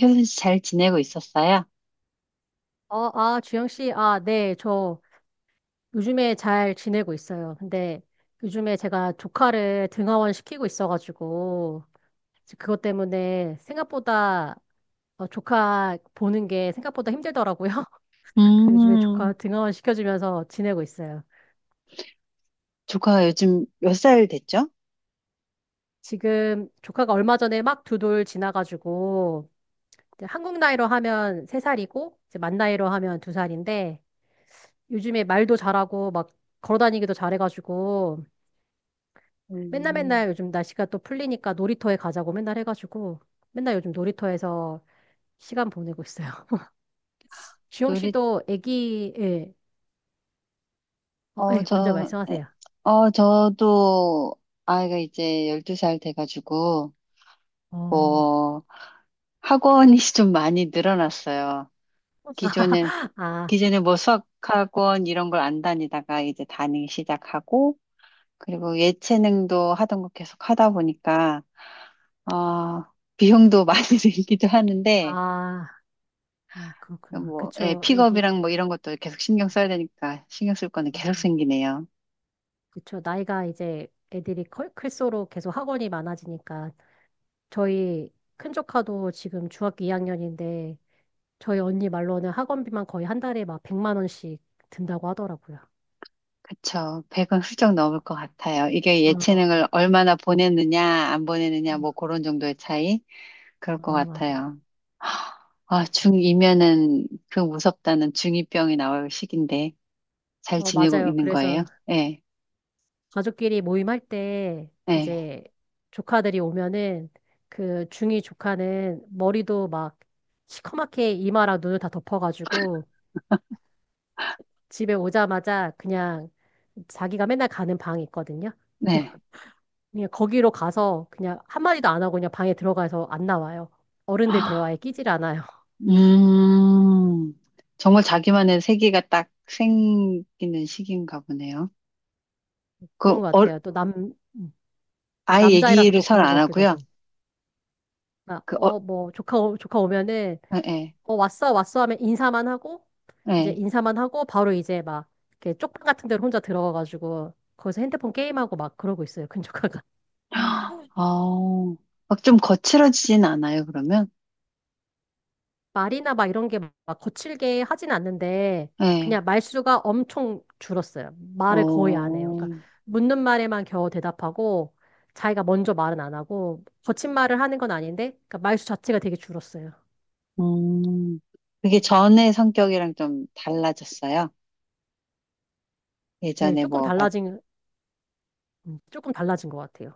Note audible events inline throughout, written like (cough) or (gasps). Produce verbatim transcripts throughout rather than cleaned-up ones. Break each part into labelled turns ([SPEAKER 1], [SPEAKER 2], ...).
[SPEAKER 1] 효선 씨 잘 지내고 있었어요?
[SPEAKER 2] 어, 아, 주영 씨, 아, 네, 저 요즘에 잘 지내고 있어요. 근데 요즘에 제가 조카를 등하원 시키고 있어가지고, 이제 그것 때문에 생각보다 어, 조카 보는 게 생각보다 힘들더라고요. (laughs) 그 요즘에 조카
[SPEAKER 1] 음,
[SPEAKER 2] 등하원 시켜주면서 지내고 있어요.
[SPEAKER 1] 조카가 요즘 몇 살 됐죠?
[SPEAKER 2] 지금 조카가 얼마 전에 막 두 돌 지나가지고, 이제 한국 나이로 하면 세살이고 이제 만 나이로 하면 두살인데 요즘에 말도 잘하고 막 걸어다니기도 잘해가지고, 맨날
[SPEAKER 1] 음,
[SPEAKER 2] 맨날 요즘 날씨가 또 풀리니까 놀이터에 가자고 맨날 해가지고 맨날 요즘 놀이터에서 시간 보내고 있어요. (laughs) 주영
[SPEAKER 1] 놀이,
[SPEAKER 2] 씨도 애기, 예, 어,
[SPEAKER 1] 어,
[SPEAKER 2] 예, 먼저
[SPEAKER 1] 저, 에,
[SPEAKER 2] 말씀하세요.
[SPEAKER 1] 어, 저도 아이가 이제 열두 살 돼가지고,
[SPEAKER 2] 어,
[SPEAKER 1] 뭐, 학원이 (laughs) 좀 많이 늘어났어요. 기존에,
[SPEAKER 2] (laughs) 아,
[SPEAKER 1] 기존에 뭐 수학학원 이런 걸 안 다니다가 이제 다니기 시작하고, 그리고 예체능도 하던 거 계속 하다 보니까, 어, 비용도 (laughs) 많이 들기도 하는데,
[SPEAKER 2] 아, 아, 그렇구나.
[SPEAKER 1] 뭐, 예,
[SPEAKER 2] 그쵸, 애기.
[SPEAKER 1] 픽업이랑 뭐 이런 것도 계속 신경 써야 되니까 신경 쓸 거는 계속
[SPEAKER 2] 아,
[SPEAKER 1] 생기네요.
[SPEAKER 2] 그쵸. 나이가 이제 애들이 클, 클수록 계속 학원이 많아지니까 저희 큰 조카도 지금 중학교 이 학년인데 저희 언니 말로는 학원비만 거의 한 달에 막 백만 원씩 든다고 하더라고요.
[SPEAKER 1] 그쵸. 백은 훌쩍 넘을 것 같아요. 이게 예체능을
[SPEAKER 2] 어,
[SPEAKER 1] 얼마나 보냈느냐, 안 보냈느냐,
[SPEAKER 2] 어,
[SPEAKER 1] 뭐 그런 정도의 차이? 그럴 것
[SPEAKER 2] 아, 맞아요.
[SPEAKER 1] 같아요. 아,
[SPEAKER 2] 맞아요.
[SPEAKER 1] 중이면은 그 무섭다는 중이병이 나올 시기인데 잘
[SPEAKER 2] 어,
[SPEAKER 1] 지내고
[SPEAKER 2] 맞아요.
[SPEAKER 1] 있는 거예요?
[SPEAKER 2] 그래서
[SPEAKER 1] 네,
[SPEAKER 2] 가족끼리 모임할 때
[SPEAKER 1] 네,
[SPEAKER 2] 이제 조카들이 오면은 그 중이 조카는 머리도 막 시커멓게 이마랑 눈을 다 덮어가지고 집에 오자마자 그냥 자기가 맨날 가는 방이 있거든요.
[SPEAKER 1] 네.
[SPEAKER 2] 그냥 거기로 가서 그냥 한마디도 안 하고 그냥 방에 들어가서 안 나와요. 어른들
[SPEAKER 1] 아,
[SPEAKER 2] 대화에 끼질 않아요. (laughs)
[SPEAKER 1] 음, 정말 자기만의 세계가 딱 생기는 시기인가 보네요. 그,
[SPEAKER 2] 그런 것
[SPEAKER 1] 어,
[SPEAKER 2] 같아요. 또 남, 음, 또
[SPEAKER 1] 아예
[SPEAKER 2] 남자이라서
[SPEAKER 1] 얘기를
[SPEAKER 2] 더
[SPEAKER 1] 잘
[SPEAKER 2] 그런
[SPEAKER 1] 안
[SPEAKER 2] 것 같기도
[SPEAKER 1] 하고요.
[SPEAKER 2] 하고. 막,
[SPEAKER 1] 그, 어,
[SPEAKER 2] 어, 뭐, 조카, 오- 조카 오면은
[SPEAKER 1] 예, 예.
[SPEAKER 2] 어, 왔어, 왔어 하면 인사만 하고, 이제
[SPEAKER 1] 예.
[SPEAKER 2] 인사만 하고, 바로 이제 막, 이렇게 쪽방 같은 데로 혼자 들어가가지고, 거기서 핸드폰 게임하고 막 그러고 있어요, 근조카가.
[SPEAKER 1] 어, 막 좀 거칠어지진 않아요, 그러면?
[SPEAKER 2] (laughs) 말이나 막 이런 게 막 거칠게 하진 않는데,
[SPEAKER 1] 예.
[SPEAKER 2] 그냥 말수가 엄청 줄었어요. 말을 거의 안 해요.
[SPEAKER 1] 어,
[SPEAKER 2] 그러니까, 묻는 말에만 겨우 대답하고, 자기가 먼저 말은 안 하고, 거친 말을 하는 건 아닌데, 그러니까 말수 자체가 되게 줄었어요.
[SPEAKER 1] 음. 그게
[SPEAKER 2] 음,
[SPEAKER 1] 전의 성격이랑 좀 달라졌어요.
[SPEAKER 2] 네,
[SPEAKER 1] 예전에
[SPEAKER 2] 조금
[SPEAKER 1] 뭐, 봤,
[SPEAKER 2] 달라진, 음, 조금 달라진 것 같아요.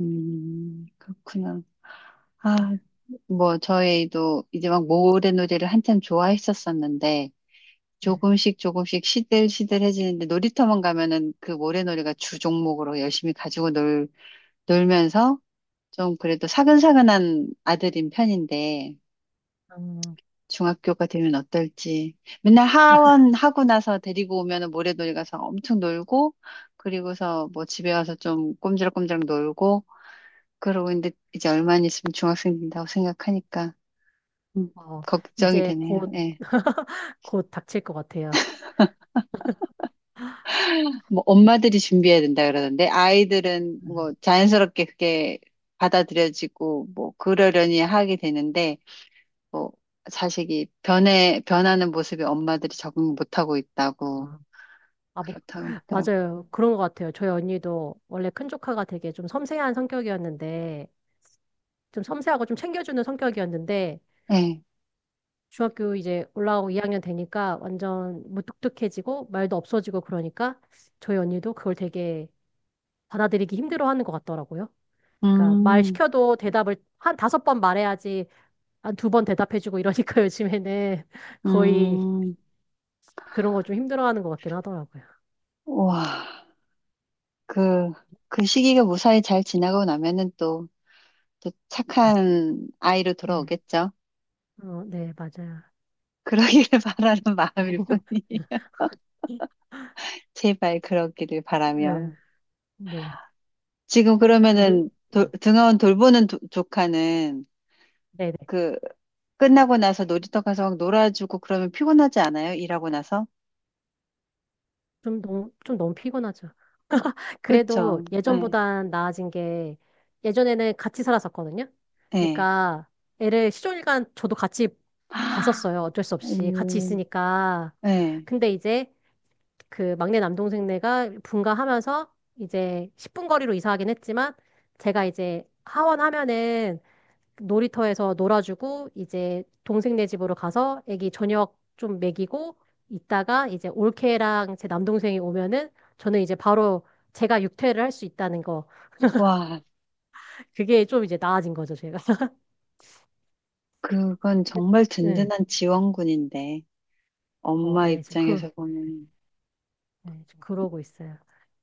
[SPEAKER 1] 음, 그렇구나.
[SPEAKER 2] 네.
[SPEAKER 1] 아, 뭐, 저희도 이제 막 모래놀이를 한참 좋아했었었는데,
[SPEAKER 2] 네.
[SPEAKER 1] 조금씩 조금씩 시들시들해지는데, 놀이터만 가면은 그 모래놀이가 주 종목으로 열심히 가지고 놀, 놀면서, 좀 그래도 사근사근한 아들인 편인데
[SPEAKER 2] 음,
[SPEAKER 1] 중학교가 되면 어떨지 맨날 하원 하고 나서 데리고 오면은 모래놀이 가서 엄청 놀고 그리고서 뭐 집에 와서 좀 꼼지락꼼지락 놀고 그러고 있는데 이제 얼마 안 있으면 중학생 된다고 생각하니까 음,
[SPEAKER 2] 어,
[SPEAKER 1] 걱정이
[SPEAKER 2] 이제
[SPEAKER 1] 되네요.
[SPEAKER 2] 곧,
[SPEAKER 1] 예.
[SPEAKER 2] (laughs) 곧 닥칠 것 같아요.
[SPEAKER 1] 뭐 엄마들이 준비해야 된다 그러던데 아이들은 뭐 자연스럽게 그게 받아들여지고 뭐 그러려니 하게 되는데 뭐 자식이 변해 변하는 모습에 엄마들이 적응 못하고 있다고
[SPEAKER 2] 어, 아, 뭐,
[SPEAKER 1] 그렇다고 하더라고.
[SPEAKER 2] 맞아요. 그런 것 같아요. 저희 언니도 원래 큰 조카가 되게 좀 섬세한 성격이었는데, 좀 섬세하고 좀 챙겨주는 성격이었는데,
[SPEAKER 1] 네.
[SPEAKER 2] 중학교 이제 올라오고 이 학년 되니까 완전 무뚝뚝해지고, 말도 없어지고 그러니까, 저희 언니도 그걸 되게 받아들이기 힘들어하는 것 같더라고요. 그러니까 말
[SPEAKER 1] 음,
[SPEAKER 2] 시켜도 대답을 한 다섯 번 말해야지, 한 두 번 대답해주고 이러니까 (laughs) 요즘에는 거의
[SPEAKER 1] 음,
[SPEAKER 2] 그런 거 좀 힘들어하는 것 같긴 하더라고요.
[SPEAKER 1] 와, 그, 그 시기가 무사히 잘 지나고 나면은 또, 또 착한 아이로
[SPEAKER 2] 네,
[SPEAKER 1] 돌아오겠죠.
[SPEAKER 2] 어, 네, 맞아요.
[SPEAKER 1] 그러기를 (laughs) 바라는 마음일 뿐이
[SPEAKER 2] (laughs)
[SPEAKER 1] (laughs) 제발 그러기를 바라며.
[SPEAKER 2] 네, 네.
[SPEAKER 1] 지금
[SPEAKER 2] 아, 그리고,
[SPEAKER 1] 그러면은 도,
[SPEAKER 2] 음,
[SPEAKER 1] 등하원 돌보는 도- 조카는
[SPEAKER 2] 네네.
[SPEAKER 1] 그 끝나고 나서 놀이터 가서 막 놀아주고 그러면 피곤하지 않아요? 일하고 나서?
[SPEAKER 2] 좀 너무, 좀 너무 피곤하죠. 그래도
[SPEAKER 1] 그쵸. 예,
[SPEAKER 2] 예전보단 나아진 게 예전에는 같이 살았었거든요.
[SPEAKER 1] 예.
[SPEAKER 2] 그러니까 애를 시종일관 저도 같이
[SPEAKER 1] 아,
[SPEAKER 2] 봤었어요. 어쩔 수 없이 같이
[SPEAKER 1] 음,
[SPEAKER 2] 있으니까.
[SPEAKER 1] 예.
[SPEAKER 2] 근데 이제 그 막내 남동생네가 분가하면서 이제 십 분 거리로 이사하긴 했지만 제가 이제 하원하면은 놀이터에서 놀아주고 이제 동생네 집으로 가서 애기 저녁 좀 먹이고 있다가 이제 올케랑 제 남동생이 오면은 저는 이제 바로 제가 육퇴를 할 수 있다는 거
[SPEAKER 1] 와,
[SPEAKER 2] 그게 좀 이제 나아진 거죠 제가. (laughs)
[SPEAKER 1] 그건
[SPEAKER 2] 근데,
[SPEAKER 1] 정말
[SPEAKER 2] 응.
[SPEAKER 1] 든든한 지원군인데,
[SPEAKER 2] 어,
[SPEAKER 1] 엄마
[SPEAKER 2] 예, 지금 그,
[SPEAKER 1] 입장에서 보면,
[SPEAKER 2] 예, 지금 그러고 있어요.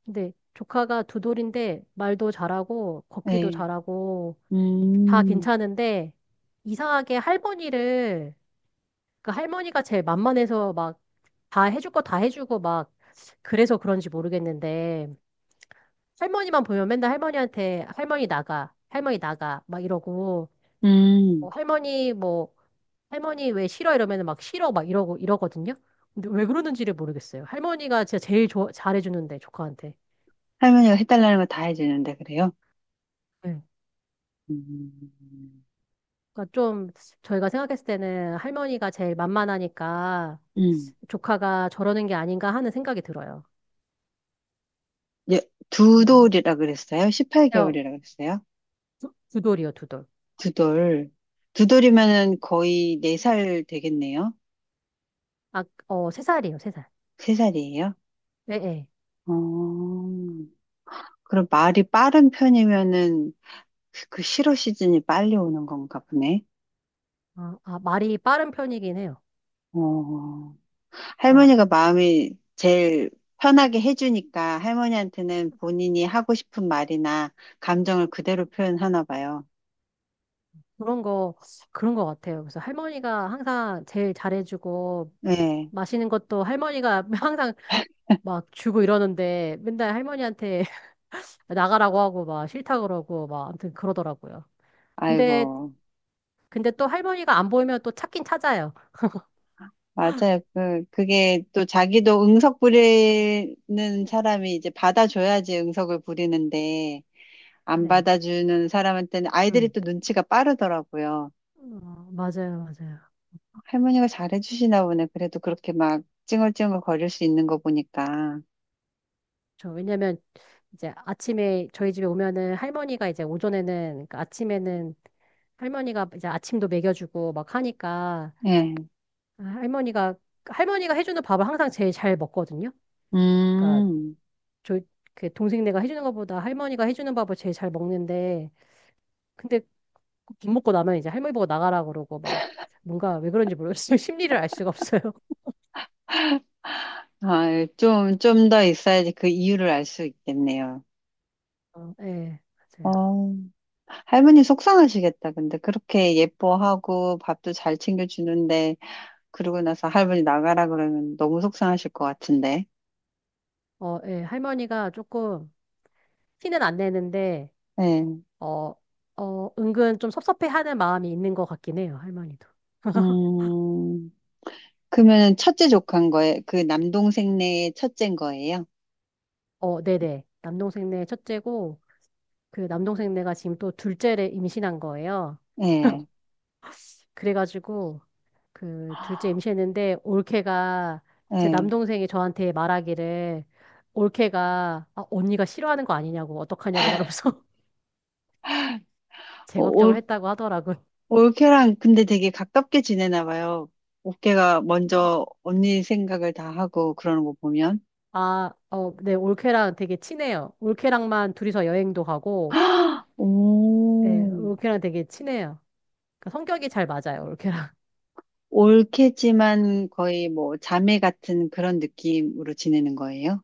[SPEAKER 2] 근데 조카가 두 돌인데 말도 잘하고 걷기도
[SPEAKER 1] 예.
[SPEAKER 2] 잘하고 다
[SPEAKER 1] 음,
[SPEAKER 2] 괜찮은데 이상하게 할머니를 그 할머니가 제일 만만해서 막 다 해줄 거 다 해주고 막 그래서 그런지 모르겠는데 할머니만 보면 맨날 할머니한테 할머니 나가 할머니 나가 막 이러고
[SPEAKER 1] 음.
[SPEAKER 2] 뭐 할머니 뭐 할머니 왜 싫어 이러면 막 싫어 막 이러고 이러거든요. 근데 왜 그러는지를 모르겠어요. 할머니가 진짜 제일 좋아- 잘해주는데 조카한테.
[SPEAKER 1] 할머니가 해달라는 거 다 해주는데, 그래요?
[SPEAKER 2] 네.
[SPEAKER 1] 음,
[SPEAKER 2] 그러니까 좀 저희가 생각했을 때는 할머니가 제일 만만하니까
[SPEAKER 1] 음.
[SPEAKER 2] 조카가 저러는 게 아닌가 하는 생각이 들어요.
[SPEAKER 1] 예, 두
[SPEAKER 2] 그냥
[SPEAKER 1] 돌이라 그랬어요?
[SPEAKER 2] 어,
[SPEAKER 1] 십팔 개월이라 그랬어요?
[SPEAKER 2] 두, 두 돌이요, 두 돌.
[SPEAKER 1] 두 돌. 두 돌이면은 거의 네 살 되겠네요?
[SPEAKER 2] 아, 어, 세 살이에요, 세 살.
[SPEAKER 1] 세살이에요.
[SPEAKER 2] 예, 예.
[SPEAKER 1] 어, 그럼 말이 빠른 편이면은 그 실어 시즌이 빨리 오는 건가 보네.
[SPEAKER 2] 아, 아, 말이 빠른 편이긴 해요.
[SPEAKER 1] 어,
[SPEAKER 2] 그러니까
[SPEAKER 1] 할머니가 마음이 제일 편하게 해주니까 할머니한테는 본인이 하고 싶은 말이나 감정을 그대로 표현하나 봐요.
[SPEAKER 2] 그런 거 그런 거 같아요. 그래서 할머니가 항상 제일 잘해주고
[SPEAKER 1] 네.
[SPEAKER 2] 마시는 것도 할머니가 (laughs) 항상 막 주고 이러는데 맨날 할머니한테 (laughs) 나가라고 하고 막 싫다 그러고 막 아무튼 그러더라고요. 근데
[SPEAKER 1] 아이고.
[SPEAKER 2] 근데 또 할머니가 안 보이면 또 찾긴 찾아요.
[SPEAKER 1] 맞아요. 그, 그게 또 자기도 응석 부리는 사람이 이제 받아줘야지 응석을 부리는데 안
[SPEAKER 2] 네.
[SPEAKER 1] 받아주는 사람한테는 아이들이
[SPEAKER 2] 음.
[SPEAKER 1] 또 눈치가 빠르더라고요.
[SPEAKER 2] 어, 맞아요, 맞아요.
[SPEAKER 1] 할머니가 잘해주시나 보네. 그래도 그렇게 막 찡얼찡얼 거릴 수 있는 거 보니까.
[SPEAKER 2] 저 왜냐면 이제 아침에 저희 집에 오면은 할머니가 이제 오전에는 그러니까 아침에는 할머니가 이제 아침도 먹여주고 막 하니까
[SPEAKER 1] 예.
[SPEAKER 2] 아, 할머니가 할머니가 해주는 밥을 항상 제일 잘 먹거든요. 그러니까
[SPEAKER 1] 음.
[SPEAKER 2] 저그 동생네가 해주는 것보다 할머니가 해주는 밥을 제일 잘 먹는데 근데 밥 먹고 나면 이제 할머니 보고 나가라 그러고 막 뭔가 왜 그런지 모르겠어요. (laughs) 심리를 알 수가 없어요.
[SPEAKER 1] 아, 좀, 좀 더 있어야지 그 이유를 알 수 있겠네요.
[SPEAKER 2] 어, 예, 맞아요.
[SPEAKER 1] 어, 할머니 속상하시겠다. 근데 그렇게 예뻐하고 밥도 잘 챙겨주는데, 그러고 나서 할머니 나가라 그러면 너무 속상하실 것 같은데.
[SPEAKER 2] 어, 예, 할머니가 조금 티는 안 내는데
[SPEAKER 1] 네.
[SPEAKER 2] 어, 어, 은근 좀 섭섭해하는 마음이 있는 것 같긴 해요, 할머니도.
[SPEAKER 1] 음. 그러면 첫째 조카인 거예요? 그 남동생네 첫째인 거예요?
[SPEAKER 2] 어, 네네. 남동생네 첫째고, 그 남동생네가 지금 또 둘째를 임신한 거예요.
[SPEAKER 1] 예.
[SPEAKER 2] 그래가지고, 그 둘째 임신했는데, 올케가, 제
[SPEAKER 1] 예.
[SPEAKER 2] 남동생이 저한테 말하기를, 올케가, 아, 언니가 싫어하는 거 아니냐고, 어떡하냐고 말하면서 (laughs) 제 걱정을 했다고 하더라고요.
[SPEAKER 1] 올케랑 근데 되게 가깝게 지내나 봐요. 올케가 먼저 언니 생각을 다 하고 그러는 거 보면.
[SPEAKER 2] 아, 어, 네, 올케랑 되게 친해요. 올케랑만 둘이서 여행도 가고,
[SPEAKER 1] (gasps)
[SPEAKER 2] 네,
[SPEAKER 1] 오,
[SPEAKER 2] 올케랑 되게 친해요. 그러니까 성격이 잘 맞아요, 올케랑.
[SPEAKER 1] 올케지만 거의 뭐 자매 같은 그런 느낌으로 지내는 거예요?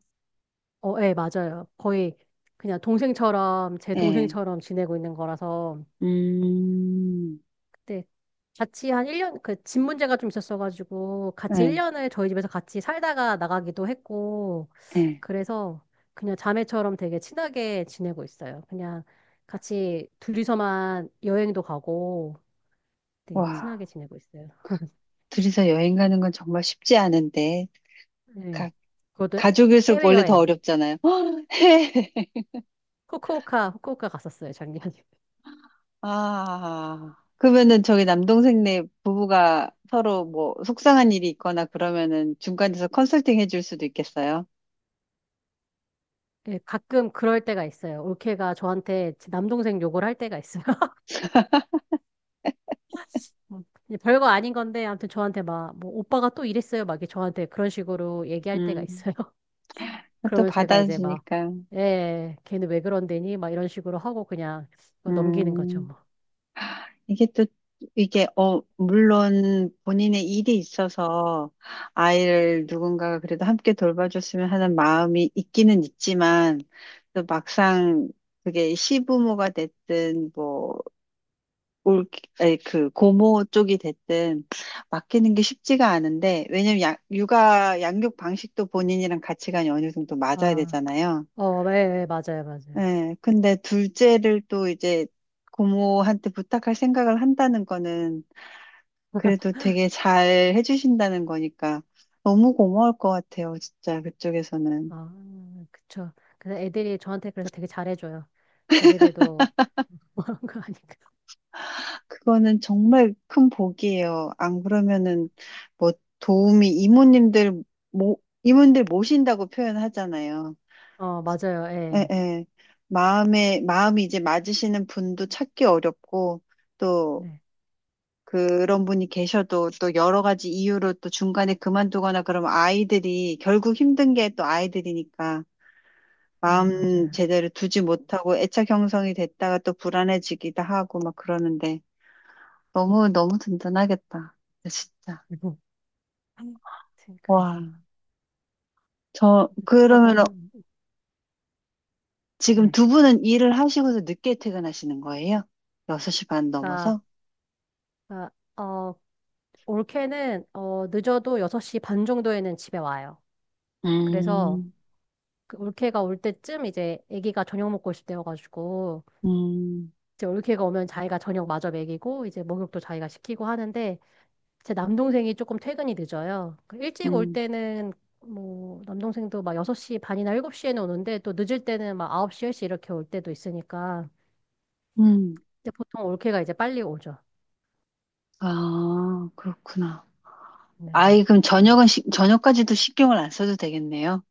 [SPEAKER 2] 어, 예, 맞아요. 거의 그냥 동생처럼, 제
[SPEAKER 1] 예.
[SPEAKER 2] 동생처럼 지내고 있는 거라서,
[SPEAKER 1] 음,
[SPEAKER 2] 그때 같이 한 일 년, 그 집 문제가 좀 있었어가지고, 같이
[SPEAKER 1] 예,
[SPEAKER 2] 일 년을 저희 집에서 같이 살다가 나가기도 했고,
[SPEAKER 1] 예.
[SPEAKER 2] 그래서 그냥 자매처럼 되게 친하게 지내고 있어요. 그냥 같이 둘이서만 여행도 가고, 되게
[SPEAKER 1] 와,
[SPEAKER 2] 친하게 지내고 있어요.
[SPEAKER 1] 둘이서 여행 가는 건 정말 쉽지 않은데.
[SPEAKER 2] 네.
[SPEAKER 1] 가,
[SPEAKER 2] 그것도
[SPEAKER 1] 가족일수록 원래 더
[SPEAKER 2] 해외여행,
[SPEAKER 1] 어렵잖아요. (gasps)
[SPEAKER 2] 후쿠오카, 후쿠오카 갔었어요, 작년에.
[SPEAKER 1] 아, 그러면은 저기 남동생네 부부가 서로 뭐 속상한 일이 있거나 그러면은 중간에서 컨설팅 해줄 수도 있겠어요.
[SPEAKER 2] 예, 가끔 그럴 때가 있어요. 올케가 저한테 제 남동생 욕을 할 때가 있어요. (laughs) 뭐, 이제 별거 아닌 건데, 아무튼 저한테 막, 뭐, 오빠가 또 이랬어요. 막 이렇게 저한테 그런 식으로 얘기할 때가
[SPEAKER 1] 음,
[SPEAKER 2] 있어요. (laughs)
[SPEAKER 1] 또
[SPEAKER 2] 그러면 제가 이제 막,
[SPEAKER 1] 받아주니까.
[SPEAKER 2] 예, 걔는 왜 그런데니? 막 이런 식으로 하고 그냥 뭐 넘기는 거죠,
[SPEAKER 1] 음,
[SPEAKER 2] 뭐.
[SPEAKER 1] 이게 또, 이게, 어, 물론 본인의 일이 있어서 아이를 누군가가 그래도 함께 돌봐줬으면 하는 마음이 있기는 있지만 또 막상 그게 시부모가 됐든 뭐 올, 아니, 그 고모 쪽이 됐든 맡기는 게 쉽지가 않은데 왜냐면 양, 육아 양육 방식도 본인이랑 가치관이 어느 정도 맞아야
[SPEAKER 2] 아,
[SPEAKER 1] 되잖아요.
[SPEAKER 2] 어, 예, 예, 맞아요, 맞아요.
[SPEAKER 1] 예, 근데 둘째를 또 이제 고모한테 부탁할 생각을 한다는 거는 그래도 되게 잘 해주신다는 거니까 너무 고마울 것 같아요, 진짜 그쪽에서는.
[SPEAKER 2] 아, 그쵸. 그래서 애들이 저한테 그래서 되게 잘해줘요. 자기들도 (laughs) 뭐 하는 거 아니까.
[SPEAKER 1] 그거는 정말 큰 복이에요. 안 그러면은 뭐 도움이 이모님들 모이님들 모신다고 표현하잖아요.
[SPEAKER 2] 어, 맞아요,
[SPEAKER 1] 예,
[SPEAKER 2] 예.
[SPEAKER 1] 예. 마음에, 마음이 이제 맞으시는 분도 찾기 어렵고, 또
[SPEAKER 2] 네,
[SPEAKER 1] 그런 분이 계셔도 또 여러 가지 이유로 또 중간에 그만두거나 그러면 아이들이, 결국 힘든 게 또 아이들이니까
[SPEAKER 2] 예,
[SPEAKER 1] 마음
[SPEAKER 2] 맞아요.
[SPEAKER 1] 제대로 두지 못하고 애착 형성이 됐다가 또 불안해지기도 하고 막 그러는데 너무, 너무 든든하겠다. 진짜.
[SPEAKER 2] 그리고 아무튼 그래서.
[SPEAKER 1] 와. 저,
[SPEAKER 2] 축하가
[SPEAKER 1] 그러면
[SPEAKER 2] 한-
[SPEAKER 1] 지금
[SPEAKER 2] 네.
[SPEAKER 1] 두 분은 일을 하시고서 늦게 퇴근하시는 거예요? 여섯 시 반
[SPEAKER 2] 그러니까
[SPEAKER 1] 넘어서?
[SPEAKER 2] 그러니까, 어, 올케는 어, 늦어도 여섯 시 반 정도에는 집에 와요. 그래서
[SPEAKER 1] 음.
[SPEAKER 2] 그 올케가 올 때쯤 이제 아기가 저녁 먹고 있을 때여가지고
[SPEAKER 1] 음,
[SPEAKER 2] 이제 올케가 오면 자기가 저녁 마저 먹이고 이제 목욕도 자기가 시키고 하는데 제 남동생이 조금 퇴근이 늦어요. 그 일찍 올
[SPEAKER 1] 음,
[SPEAKER 2] 때는 뭐 남동생도 막 여섯 시 반이나 일곱 시에는 오는데 또 늦을 때는 막 아홉 시, 열 시 이렇게 올 때도 있으니까
[SPEAKER 1] 음.
[SPEAKER 2] 근데 보통 올케가 이제 빨리 오죠.
[SPEAKER 1] 아, 그렇구나.
[SPEAKER 2] 네네.
[SPEAKER 1] 아이, 그럼
[SPEAKER 2] 음.
[SPEAKER 1] 저녁은, 시, 저녁까지도 신경을 안 써도 되겠네요.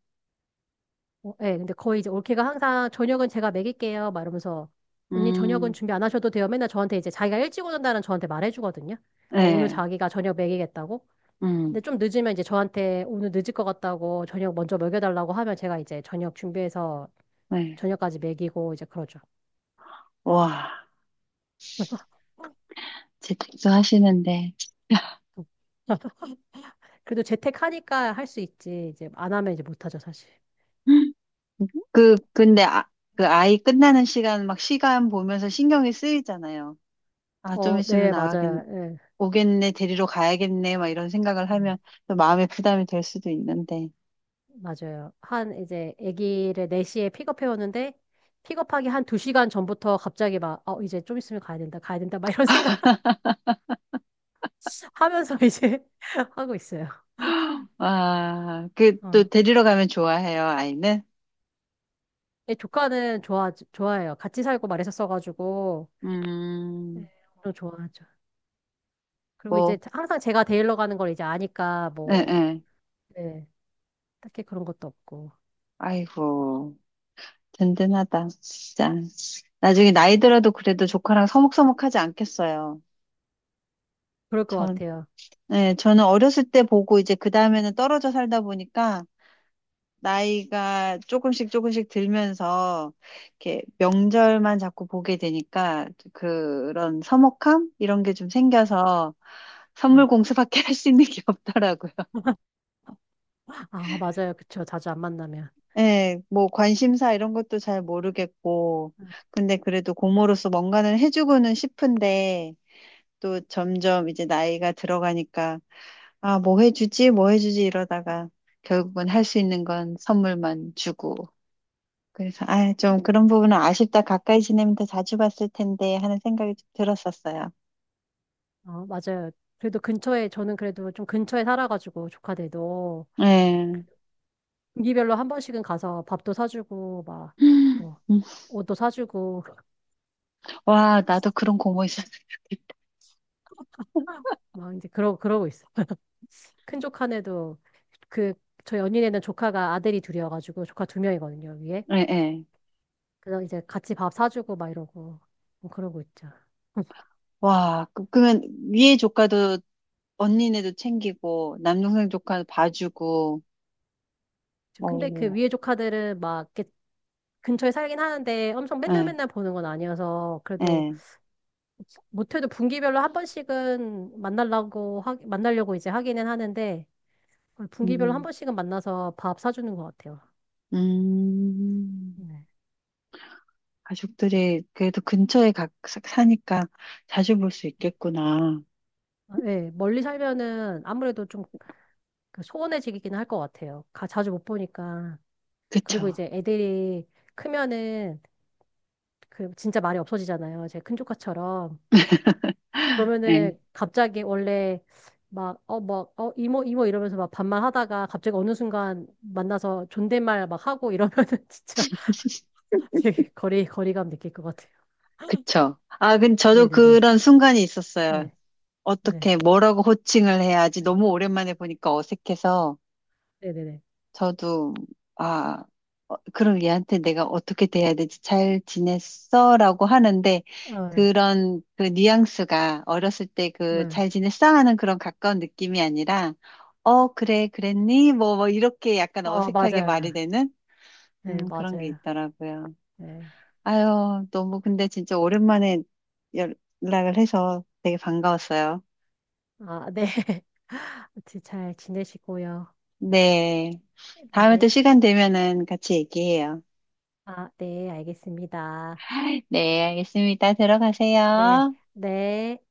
[SPEAKER 2] 어, 예, 근데 거의 이제 올케가 항상 저녁은 제가 먹일게요. 막 이러면서 언니 저녁은
[SPEAKER 1] 음,
[SPEAKER 2] 준비 안 하셔도 돼요. 맨날 저한테 이제 자기가 일찍 오는다는 저한테 말해주거든요. 어, 오늘
[SPEAKER 1] 네,
[SPEAKER 2] 자기가 저녁 먹이겠다고. 근데
[SPEAKER 1] 음,
[SPEAKER 2] 좀 늦으면 이제 저한테 오늘 늦을 것 같다고 저녁 먼저 먹여달라고 하면 제가 이제 저녁 준비해서
[SPEAKER 1] 네.
[SPEAKER 2] 저녁까지 먹이고 이제 그러죠.
[SPEAKER 1] 와, 재택도 하시는데.
[SPEAKER 2] 음. (laughs) 그래도 재택하니까 할 수 있지. 이제 안 하면 이제 못하죠, 사실.
[SPEAKER 1] (gasps) 그, 근데, 아, 그 아이 끝나는 시간, 막 시간 보면서 신경이 쓰이잖아요. 아, 좀
[SPEAKER 2] 어,
[SPEAKER 1] 있으면
[SPEAKER 2] 네,
[SPEAKER 1] 나가겠,
[SPEAKER 2] 맞아요. 예.
[SPEAKER 1] 오겠네, 데리러 가야겠네, 막 이런 생각을
[SPEAKER 2] 네.
[SPEAKER 1] 하면 또 마음의 부담이 될 수도 있는데.
[SPEAKER 2] 맞아요. 한 이제 아기를 네 시에 픽업해 오는데 픽업하기 한 두 시간 전부터 갑자기 막 어, 이제 좀 있으면 가야 된다. 가야 된다. 막 이런 생각 (laughs) 하면서 이제 (laughs) 하고 있어요.
[SPEAKER 1] 아, 그, 또
[SPEAKER 2] 어.
[SPEAKER 1] 데리러 가면 좋아해요, 아이는?
[SPEAKER 2] 예, 조카는 좋아 좋아해요. 같이 살고 말했었어 가지고 네,
[SPEAKER 1] 음.
[SPEAKER 2] 또 좋아하죠. 그리고 이제
[SPEAKER 1] 있고,
[SPEAKER 2] 항상 제가 데일러 가는 걸 이제 아니까
[SPEAKER 1] 예,
[SPEAKER 2] 뭐
[SPEAKER 1] 예.
[SPEAKER 2] 네, 딱히 그런 것도 없고
[SPEAKER 1] 아이고, 든든하다, 진짜. 나중에 나이 들어도 그래도 조카랑 서먹서먹하지 않겠어요.
[SPEAKER 2] 그럴 것
[SPEAKER 1] 전,
[SPEAKER 2] 같아요.
[SPEAKER 1] 네, 저는 어렸을 때 보고 이제 그 다음에는 떨어져 살다 보니까 나이가 조금씩 조금씩 들면서 이렇게 명절만 자꾸 보게 되니까 그런 서먹함? 이런 게 좀 생겨서 선물
[SPEAKER 2] 네.
[SPEAKER 1] 공수밖에 (laughs) 할 수 있는 게 없더라고요.
[SPEAKER 2] (laughs) 아, 맞아요. 그쵸. 자주 안 만나면.
[SPEAKER 1] 예, 뭐 관심사 이런 것도 잘 모르겠고, 근데 그래도 고모로서 뭔가는 해주고는 싶은데, 또 점점 이제 나이가 들어가니까, 아, 뭐 해주지, 뭐 해주지 이러다가 결국은 할 수 있는 건 선물만 주고. 그래서, 아, 좀 그런 부분은 아쉽다. 가까이 지내면 더 자주 봤을 텐데 하는 생각이 좀 들었었어요.
[SPEAKER 2] 어, 맞아요. 그래도 근처에, 저는 그래도 좀 근처에 살아가지고, 조카들도.
[SPEAKER 1] 예.
[SPEAKER 2] 분기별로 한 번씩은 가서 밥도 사주고, 막,
[SPEAKER 1] 음,
[SPEAKER 2] 뭐, 옷도 사주고, (laughs)
[SPEAKER 1] 와, 나도 그런 고모 있었으면 좋겠다.
[SPEAKER 2] 막 이제 그러, 그러고 있어. 큰 조카네도, 그, 저 연인에는 조카가 아들이 둘이어가지고, 조카 두 명이거든요, 위에.
[SPEAKER 1] 예, 예.
[SPEAKER 2] 그래서 이제 같이 밥 사주고, 막 이러고, 뭐 그러고 있죠.
[SPEAKER 1] 와, 그- 그러면 위에 조카도 언니네도 챙기고, 남동생 조카도 봐주고,
[SPEAKER 2] 저- 근데 그
[SPEAKER 1] 어,
[SPEAKER 2] 위에 조카들은 막, 이렇게 근처에 살긴 하는데, 엄청 맨날
[SPEAKER 1] 예,
[SPEAKER 2] 맨날 보는 건 아니어서, 그래도
[SPEAKER 1] 예.
[SPEAKER 2] 못해도 분기별로 한 번씩은 만나려고 하, 만나려고 이제 하기는 하는데 분기별로 한
[SPEAKER 1] 음,
[SPEAKER 2] 번씩은 만나서 밥 사주는 것 같아요.
[SPEAKER 1] 음,
[SPEAKER 2] 네.
[SPEAKER 1] 가족들이 그래도 근처에 가, 사- 사니까 자주 볼 수 있겠구나.
[SPEAKER 2] 아, 예, 멀리 살면은 아무래도 좀그 소원해지긴 할 것 같아요. 가, 자주 못 보니까. 그리고
[SPEAKER 1] 그쵸.
[SPEAKER 2] 이제 애들이 크면은 그 진짜 말이 없어지잖아요. 제 큰 조카처럼.
[SPEAKER 1] 예,
[SPEAKER 2] 그러면은 갑자기 원래 막, 어, 막, 어, 이모, 이모 이러면서 막 반말 하다가 갑자기 어느 순간 만나서 존댓말 막 하고 이러면은 (laughs) 진짜 (laughs) 되게 거리, 거리감 느낄 것 같아요.
[SPEAKER 1] 그쵸. 아, 근데 저도
[SPEAKER 2] 네네네.
[SPEAKER 1] 그런 순간이 있었어요.
[SPEAKER 2] 네, 네,
[SPEAKER 1] 어떻게, 뭐라고 호칭을 해야지 너무 오랜만에 보니까 어색해서.
[SPEAKER 2] 네네네.
[SPEAKER 1] 저도, 아, 어, 그럼 얘한테 내가 어떻게 대해야 되지? 잘 지냈어? 라고 하는데,
[SPEAKER 2] 아,
[SPEAKER 1] 그런 그 뉘앙스가 어렸을 때 그 잘
[SPEAKER 2] 네.
[SPEAKER 1] 지냈어? 하는 그런 가까운 느낌이 아니라, 어, 그래, 그랬니? 뭐, 뭐, 이렇게 약간
[SPEAKER 2] 어,
[SPEAKER 1] 어색하게 말이
[SPEAKER 2] 맞아요.
[SPEAKER 1] 되는? 음,
[SPEAKER 2] 네,
[SPEAKER 1] 그런 게
[SPEAKER 2] 맞아요.
[SPEAKER 1] 있더라고요.
[SPEAKER 2] 네.
[SPEAKER 1] 아유, 너무 근데 진짜 오랜만에 연락을 해서 되게 반가웠어요.
[SPEAKER 2] 아, 네. (laughs) 아무튼 잘 지내시고요.
[SPEAKER 1] 네. 다음에 또
[SPEAKER 2] 네.
[SPEAKER 1] 시간 되면은 같이 얘기해요.
[SPEAKER 2] 아, 네, 알겠습니다.
[SPEAKER 1] 네, 알겠습니다.
[SPEAKER 2] 네,
[SPEAKER 1] 들어가세요.
[SPEAKER 2] 네.